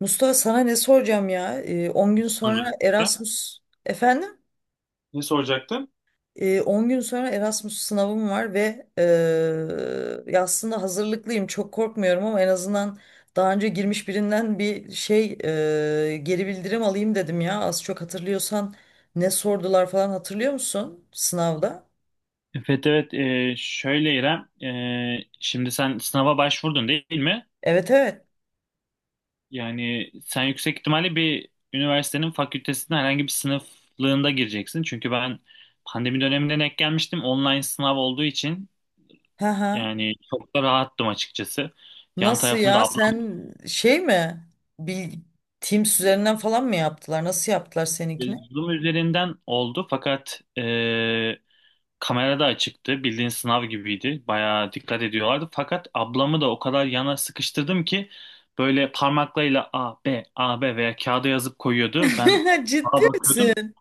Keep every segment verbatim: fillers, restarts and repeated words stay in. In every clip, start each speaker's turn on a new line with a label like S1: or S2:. S1: Mustafa sana ne soracağım ya? Ee, on gün sonra
S2: Soracaktım.
S1: Erasmus efendim?
S2: Ne soracaktın?
S1: Ee, on gün sonra Erasmus sınavım var ve eee, ya aslında hazırlıklıyım. Çok korkmuyorum ama en azından daha önce girmiş birinden bir şey eee, geri bildirim alayım dedim ya. Az çok hatırlıyorsan ne sordular falan hatırlıyor musun sınavda?
S2: Evet, evet. Ee, şöyle İrem, ee, şimdi sen sınava başvurdun, değil mi?
S1: Evet evet.
S2: Yani sen yüksek ihtimalle bir üniversitenin fakültesine, herhangi bir sınıflığında gireceksin. Çünkü ben pandemi döneminde denk gelmiştim, online sınav olduğu için
S1: Ha ha.
S2: yani çok da rahattım açıkçası. Yan
S1: Nasıl
S2: tarafımda
S1: ya?
S2: ablam,
S1: Sen şey mi? Bil Teams üzerinden falan mı yaptılar? Nasıl yaptılar seninkini?
S2: Zoom üzerinden oldu fakat e, Kamerada açıktı. Bildiğin sınav gibiydi. Bayağı dikkat ediyorlardı. Fakat ablamı da o kadar yana sıkıştırdım ki böyle parmaklarıyla A, B, A, B veya kağıda yazıp koyuyordu. Ben
S1: Ciddi
S2: sağa bakıyordum.
S1: misin?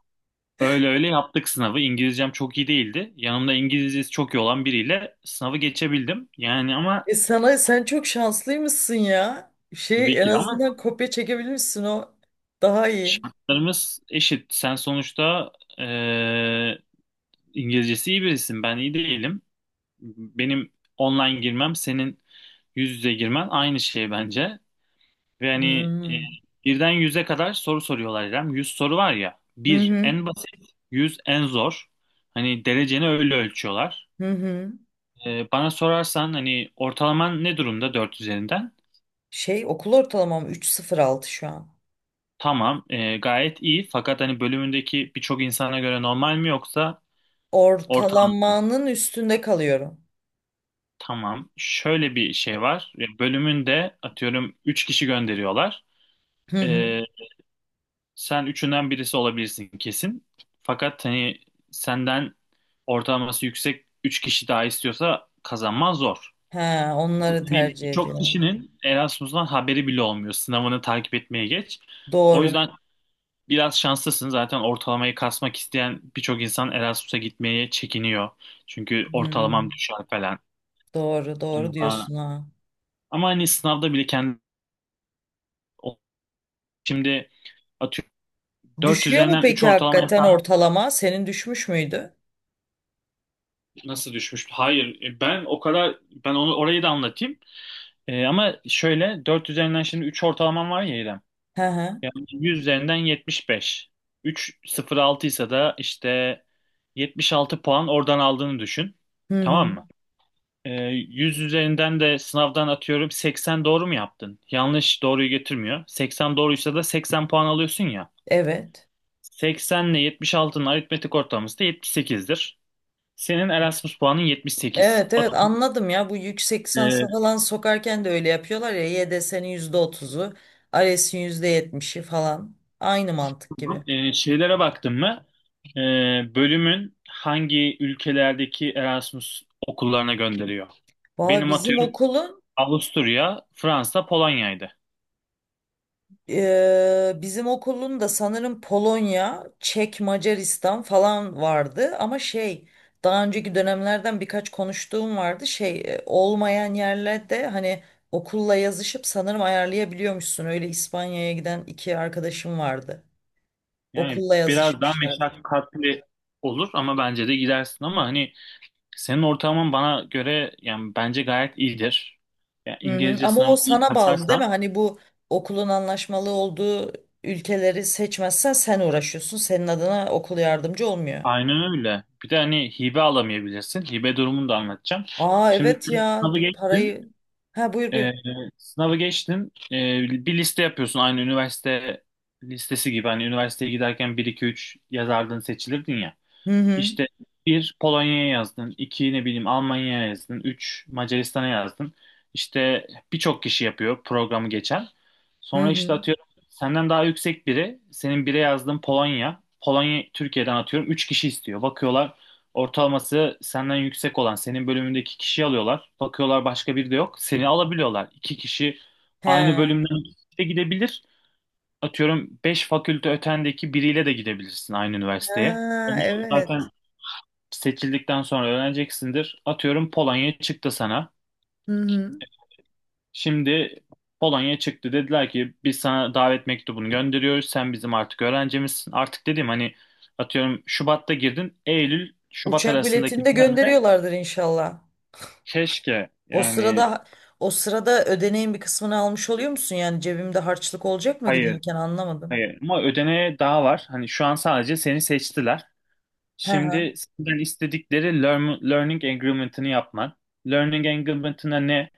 S2: Öyle öyle yaptık sınavı. İngilizcem çok iyi değildi. Yanımda İngilizcesi çok iyi olan biriyle sınavı geçebildim. Yani ama
S1: E sana sen çok şanslıymışsın ya.
S2: tabii
S1: Şey en
S2: ki de, ama
S1: azından kopya çekebilmişsin o. Daha iyi.
S2: şartlarımız eşit. Sen sonuçta, eee, İngilizcesi iyi birisin. Ben iyi değilim. Benim online girmem, senin yüz yüze girmen aynı şey bence. Ve hani, e,
S1: Hmm.
S2: birden yüze kadar soru soruyorlar, İrem. Yüz soru var ya.
S1: Hı
S2: Bir
S1: hı.
S2: en basit, yüz en zor. Hani dereceni öyle ölçüyorlar.
S1: Hı hı.
S2: E, bana sorarsan hani, ortalaman ne durumda dört üzerinden?
S1: Şey okul ortalamam üç virgül sıfır altı şu an.
S2: Tamam, e, gayet iyi. Fakat hani bölümündeki birçok insana göre normal mi, yoksa ortalama?
S1: Ortalamanın üstünde kalıyorum.
S2: Tamam. Şöyle bir şey var. E, Bölümünde, atıyorum, üç kişi gönderiyorlar.
S1: Hı hı.
S2: E, Sen üçünden birisi olabilirsin kesin. Fakat hani senden ortalaması yüksek üç kişi daha istiyorsa, kazanman zor.
S1: He, onları
S2: Hani
S1: tercih
S2: çok
S1: ediyorum.
S2: kişinin Erasmus'tan haberi bile olmuyor. Sınavını takip etmeye geç. O
S1: Doğru.
S2: yüzden biraz şanslısın. Zaten ortalamayı kasmak isteyen birçok insan Erasmus'a gitmeye çekiniyor. Çünkü ortalamam
S1: Hmm.
S2: düşer falan.
S1: Doğru, doğru
S2: Ama,
S1: diyorsun ha.
S2: ama hani sınavda bile kendi, şimdi, atıyorum, dört
S1: Düşüyor mu
S2: üzerinden üç
S1: peki
S2: ortalama.
S1: hakikaten ortalama? Senin düşmüş müydü?
S2: Nasıl düşmüş? Hayır. e, Ben o kadar, ben onu orayı da anlatayım. E, ama şöyle dört üzerinden, şimdi, üç ortalamam var ya, İrem.
S1: Hı hı.
S2: Yani yüz üzerinden yetmiş beş. üç virgül sıfır altı ise da işte yetmiş altı puan oradan aldığını düşün.
S1: Hı hı.
S2: Tamam mı? E, yüz üzerinden de sınavdan, atıyorum, seksen doğru mu yaptın? Yanlış doğruyu getirmiyor. seksen doğruysa da seksen puan alıyorsun ya.
S1: Evet.
S2: seksen ile yetmiş altının aritmetik ortalaması da yetmiş sekizdir. Senin Erasmus puanın yetmiş sekiz.
S1: Evet evet, anladım ya, bu yüksek lisansa falan sokarken de öyle yapıyorlar ya, y D S'nin yüzde otuz'u, yüzde otuzu yüzde yetmişi falan, aynı mantık
S2: Tamam.
S1: gibi.
S2: Ee, şeylere baktın mı? Ee, bölümün hangi ülkelerdeki Erasmus okullarına gönderiyor?
S1: Valla
S2: Benim,
S1: bizim
S2: atıyorum,
S1: okulun
S2: Avusturya, Fransa, Polonya'ydı.
S1: eee, bizim okulun da sanırım Polonya, Çek, Macaristan falan vardı ama şey, daha önceki dönemlerden birkaç konuştuğum vardı, şey e, olmayan yerlerde hani okulla yazışıp sanırım ayarlayabiliyormuşsun. Öyle İspanya'ya giden iki arkadaşım vardı,
S2: Yani
S1: okulla
S2: biraz daha
S1: yazışmışlar.
S2: meşakkatli olur ama bence de gidersin ama hani, senin ortalaman bana göre, yani bence gayet iyidir. Yani
S1: Hı hı.
S2: İngilizce
S1: Ama o
S2: sınavını iyi
S1: sana bağlı değil
S2: kasarsan,
S1: mi? Hani bu okulun anlaşmalı olduğu ülkeleri seçmezsen sen uğraşıyorsun. Senin adına okul yardımcı olmuyor.
S2: aynen öyle. Bir de hani hibe alamayabilirsin. Hibe durumunu da anlatacağım.
S1: Aa,
S2: Şimdi
S1: evet ya,
S2: sınavı
S1: bir
S2: geçtim.
S1: parayı. Ha, buyur buyur.
S2: Ee, Sınavı geçtin. Ee, bir liste yapıyorsun, aynı üniversite listesi gibi. Hani üniversiteye giderken bir, iki, üç yazardın, seçilirdin ya.
S1: Hı hı.
S2: İşte bir Polonya'ya yazdın, iki, ne bileyim, Almanya'ya yazdın, üç Macaristan'a yazdın. İşte birçok kişi yapıyor programı geçen.
S1: Hı
S2: Sonra işte,
S1: hı.
S2: atıyorum, senden daha yüksek biri, senin bire yazdığın Polonya, Polonya Türkiye'den atıyorum üç kişi istiyor. Bakıyorlar, ortalaması senden yüksek olan, senin bölümündeki kişiyi alıyorlar. Bakıyorlar, başka biri de yok, seni alabiliyorlar. İki kişi,
S1: He.
S2: aynı
S1: Ha,
S2: bölümden ikisi de gidebilir. Atıyorum, beş fakülte ötendeki biriyle de gidebilirsin aynı üniversiteye. Onu
S1: evet.
S2: zaten seçildikten sonra öğreneceksindir. Atıyorum, Polonya çıktı sana.
S1: Hı hı.
S2: Şimdi Polonya çıktı, dediler ki biz sana davet mektubunu gönderiyoruz. Sen bizim artık öğrencimizsin. Artık dediğim, hani, atıyorum, Şubat'ta girdin. Eylül Şubat
S1: Uçak biletini
S2: arasındaki
S1: de
S2: dönemde,
S1: gönderiyorlardır inşallah.
S2: keşke
S1: O
S2: yani.
S1: sırada o sırada ödeneğin bir kısmını almış oluyor musun? Yani cebimde harçlık olacak mı
S2: Hayır,
S1: giderken, anlamadım.
S2: hayır, ama ödeneğe daha var. Hani şu an sadece seni seçtiler.
S1: Hı
S2: Şimdi senden istedikleri learn- learning agreement'ını yapman. Learning agreement'ına ne?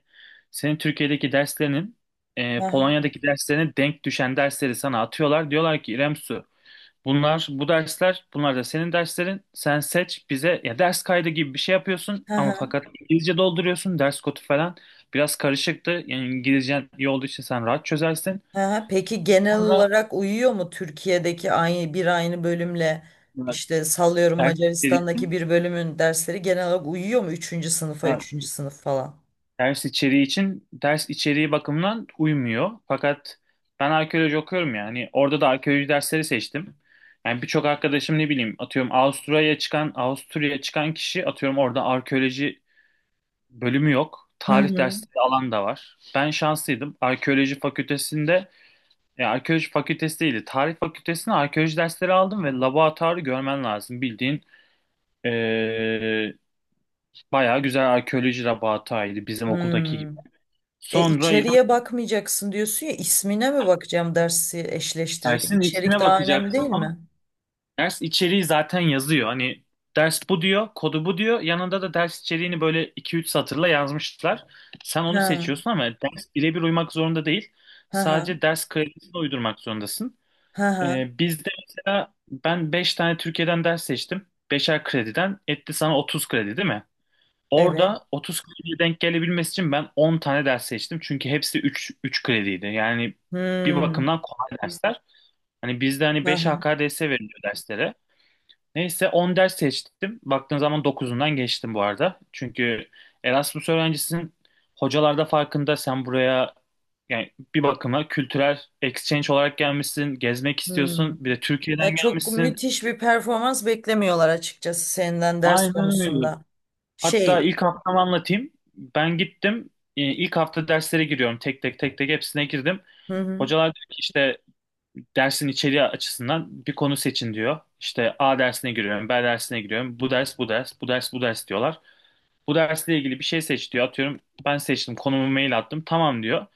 S2: Senin Türkiye'deki derslerinin, e,
S1: hı.
S2: Polonya'daki derslerine denk düşen dersleri sana atıyorlar. Diyorlar ki İrem Su, bunlar bu dersler, bunlar da senin derslerin. Sen seç bize, ya ders kaydı gibi bir şey yapıyorsun
S1: Hı
S2: ama
S1: hı.
S2: fakat İngilizce dolduruyorsun, ders kodu falan. Biraz karışıktı. Yani İngilizcen iyi olduğu için sen rahat çözersin.
S1: Ha, peki genel
S2: Sonra
S1: olarak uyuyor mu Türkiye'deki aynı bir aynı bölümle,
S2: e,
S1: işte sallıyorum,
S2: ders
S1: Macaristan'daki bir bölümün dersleri genel olarak uyuyor mu üçüncü sınıfa, üçüncü sınıf falan?
S2: Ders içeriği için, ders içeriği bakımından uymuyor. Fakat ben arkeoloji okuyorum yani. Orada da arkeoloji dersleri seçtim. Yani birçok arkadaşım, ne bileyim, atıyorum, Avusturya'ya çıkan Avusturya'ya çıkan kişi, atıyorum, orada arkeoloji bölümü yok.
S1: Hı
S2: Tarih
S1: hı.
S2: dersleri alan da var. Ben şanslıydım. Arkeoloji fakültesinde, yani arkeoloji fakültesi değildi. Tarih fakültesinde arkeoloji dersleri aldım ve laboratuvarı görmen lazım. Bildiğin, ee, bayağı güzel arkeoloji laboratuvarıydı, bizim okuldaki
S1: Hmm.
S2: gibi.
S1: E
S2: Sonra
S1: içeriye bakmayacaksın diyorsun ya, ismine mi bakacağım dersi eşleştirirken?
S2: dersin
S1: İçerik
S2: ismine
S1: daha önemli
S2: bakacaksın
S1: değil
S2: ama
S1: mi?
S2: ders içeriği zaten yazıyor. Hani ders bu diyor, kodu bu diyor. Yanında da ders içeriğini böyle iki üç satırla yazmışlar. Sen onu
S1: Ha
S2: seçiyorsun ama ders birebir uymak zorunda değil.
S1: ha, ha
S2: Sadece ders kredisini uydurmak zorundasın.
S1: ha ha.
S2: Ee, bizde mesela ben beş tane Türkiye'den ders seçtim. Beşer krediden etti sana otuz kredi, değil mi?
S1: Evet.
S2: Orada otuz krediye denk gelebilmesi için ben on tane ders seçtim. Çünkü hepsi üç üç krediydi. Yani bir
S1: Hmm.
S2: bakımdan kolay dersler. Hani bizde hani
S1: Ha
S2: beş
S1: ha.
S2: H K D S veriliyor derslere. Neyse on ders seçtim. Baktığın zaman dokuzundan geçtim bu arada. Çünkü Erasmus öğrencisinin hocalarda farkında, sen buraya, yani bir bakıma kültürel exchange olarak gelmişsin, gezmek
S1: Hmm.
S2: istiyorsun, bir de Türkiye'den
S1: Ya, çok
S2: gelmişsin.
S1: müthiş bir performans beklemiyorlar açıkçası senden ders
S2: Aynen öyle.
S1: konusunda
S2: Hatta
S1: şey
S2: ilk haftamı anlatayım. Ben gittim. e, ilk hafta derslere giriyorum. Tek tek tek tek hepsine girdim.
S1: Hı hı.
S2: Hocalar diyor ki işte, dersin içeriği açısından bir konu seçin diyor. İşte A dersine giriyorum, B dersine giriyorum. Bu ders, bu ders, bu ders, bu ders diyorlar. Bu dersle ilgili bir şey seç diyor. Atıyorum, ben seçtim, konumu mail attım. Tamam diyor.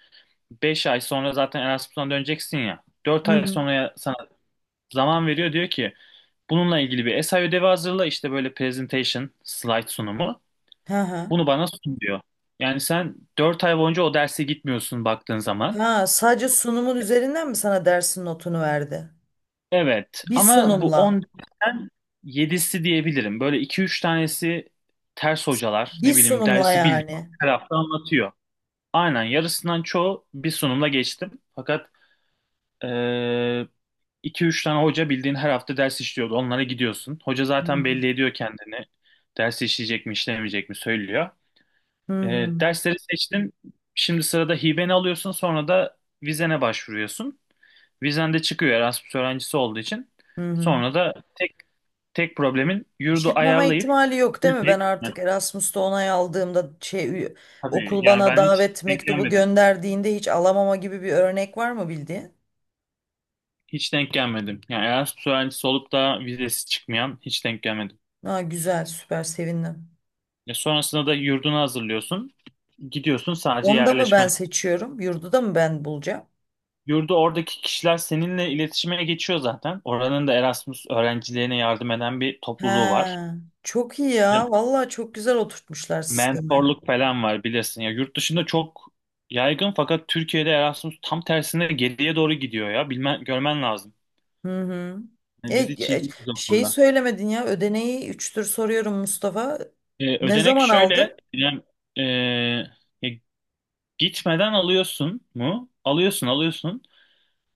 S2: Beş ay sonra zaten Erasmus'tan döneceksin ya. dört
S1: Hı
S2: ay
S1: hı.
S2: sonra sana zaman veriyor. Diyor ki bununla ilgili bir essay ödevi hazırla. İşte böyle presentation, slide sunumu.
S1: Ha ha.
S2: Bunu bana sun diyor. Yani sen dört ay boyunca o derse gitmiyorsun, baktığın zaman.
S1: Ha, sadece sunumun üzerinden mi sana dersin notunu verdi?
S2: Evet,
S1: Bir
S2: ama bu
S1: sunumla.
S2: on dörtten yedisi diyebilirim. Böyle iki üç tanesi ters hocalar,
S1: Bir
S2: ne bileyim,
S1: sunumla
S2: dersi bildiğin
S1: yani.
S2: tarafta anlatıyor. Aynen, yarısından çoğu bir sunumla geçtim. Fakat eee iki üç tane hoca bildiğin her hafta ders işliyordu. Onlara gidiyorsun. Hoca
S1: Hı
S2: zaten
S1: hı.
S2: belli ediyor kendini. Ders işleyecek mi, işlemeyecek mi söylüyor.
S1: Hı
S2: Eee,
S1: hı.
S2: dersleri seçtin. Şimdi sırada hibeni alıyorsun, sonra da vizene başvuruyorsun. Vizen de çıkıyor Erasmus öğrencisi olduğu için.
S1: Hı hı.
S2: Sonra da tek tek problemin yurdu
S1: Çıkmama
S2: ayarlayıp
S1: ihtimali yok değil mi?
S2: ülkeye
S1: Ben
S2: gitmek.
S1: artık Erasmus'ta onay aldığımda, şey ü-
S2: Tabii
S1: okul
S2: yani,
S1: bana
S2: ben hiç
S1: davet
S2: denk
S1: mektubu
S2: gelmedim.
S1: gönderdiğinde hiç alamama gibi bir örnek var mı bildiğin?
S2: Hiç denk gelmedim. Yani Erasmus öğrencisi olup da vizesi çıkmayan hiç denk gelmedim.
S1: Ha, güzel, süper, sevindim.
S2: Ya sonrasında da yurdunu hazırlıyorsun. Gidiyorsun, sadece
S1: Onu da mı ben
S2: yerleşmen.
S1: seçiyorum? Yurdu da mı ben bulacağım?
S2: Yurdu oradaki kişiler seninle iletişime geçiyor zaten. Oranın da Erasmus öğrencilerine yardım eden bir
S1: He,
S2: topluluğu var.
S1: çok iyi ya. Vallahi çok güzel oturtmuşlar sistemi.
S2: Mentorluk falan var bilirsin. Ya yurt dışında çok yaygın fakat Türkiye'de Erasmus tam tersine geriye doğru gidiyor ya. Bilmen, görmen lazım.
S1: Hı hı.
S2: Yani
S1: E,
S2: biz hiç iyi
S1: e,
S2: değiliz o
S1: şeyi
S2: konuda.
S1: söylemedin ya, ödeneği üçtür soruyorum Mustafa.
S2: Ee,
S1: Ne
S2: ödenek
S1: zaman
S2: şöyle.
S1: aldın?
S2: Yani, e, ya gitmeden alıyorsun mu? Alıyorsun, alıyorsun.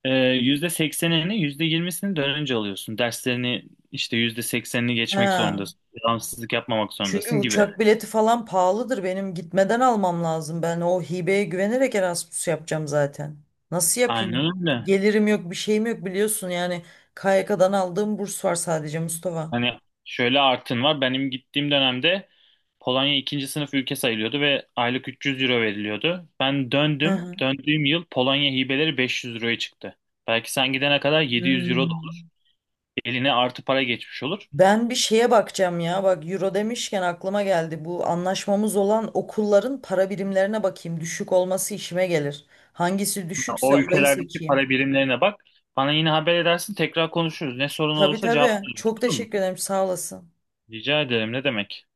S2: Ee, yüzde seksenini, yüzde yirmisini dönünce alıyorsun. Derslerini işte yüzde seksenini geçmek
S1: Ha.
S2: zorundasın. Devamsızlık yapmamak
S1: Çünkü
S2: zorundasın gibi.
S1: uçak bileti falan pahalıdır. Benim gitmeden almam lazım. Ben o hibeye güvenerek Erasmus yapacağım zaten. Nasıl
S2: Aynen
S1: yapayım?
S2: öyle.
S1: Gelirim yok, bir şeyim yok biliyorsun. Yani K Y K'dan aldığım burs var sadece, Mustafa.
S2: Hani şöyle artın var. Benim gittiğim dönemde Polonya ikinci sınıf ülke sayılıyordu ve aylık üç yüz euro veriliyordu. Ben
S1: Hı
S2: döndüm.
S1: hı.
S2: Döndüğüm yıl Polonya hibeleri beş yüz euroya çıktı. Belki sen gidene kadar yedi yüz euro da
S1: Hmm.
S2: olur. Eline artı para geçmiş olur.
S1: Ben bir şeye bakacağım ya. Bak, euro demişken aklıma geldi. Bu anlaşmamız olan okulların para birimlerine bakayım. Düşük olması işime gelir. Hangisi
S2: Yani
S1: düşükse
S2: o
S1: orayı
S2: ülkelerdeki
S1: seçeyim.
S2: para birimlerine bak. Bana yine haber edersin. Tekrar konuşuruz. Ne sorun
S1: Tabii
S2: olursa
S1: tabii,
S2: cevaplarım.
S1: çok
S2: Olur mu?
S1: teşekkür ederim. Sağ olasın.
S2: Rica ederim. Ne demek?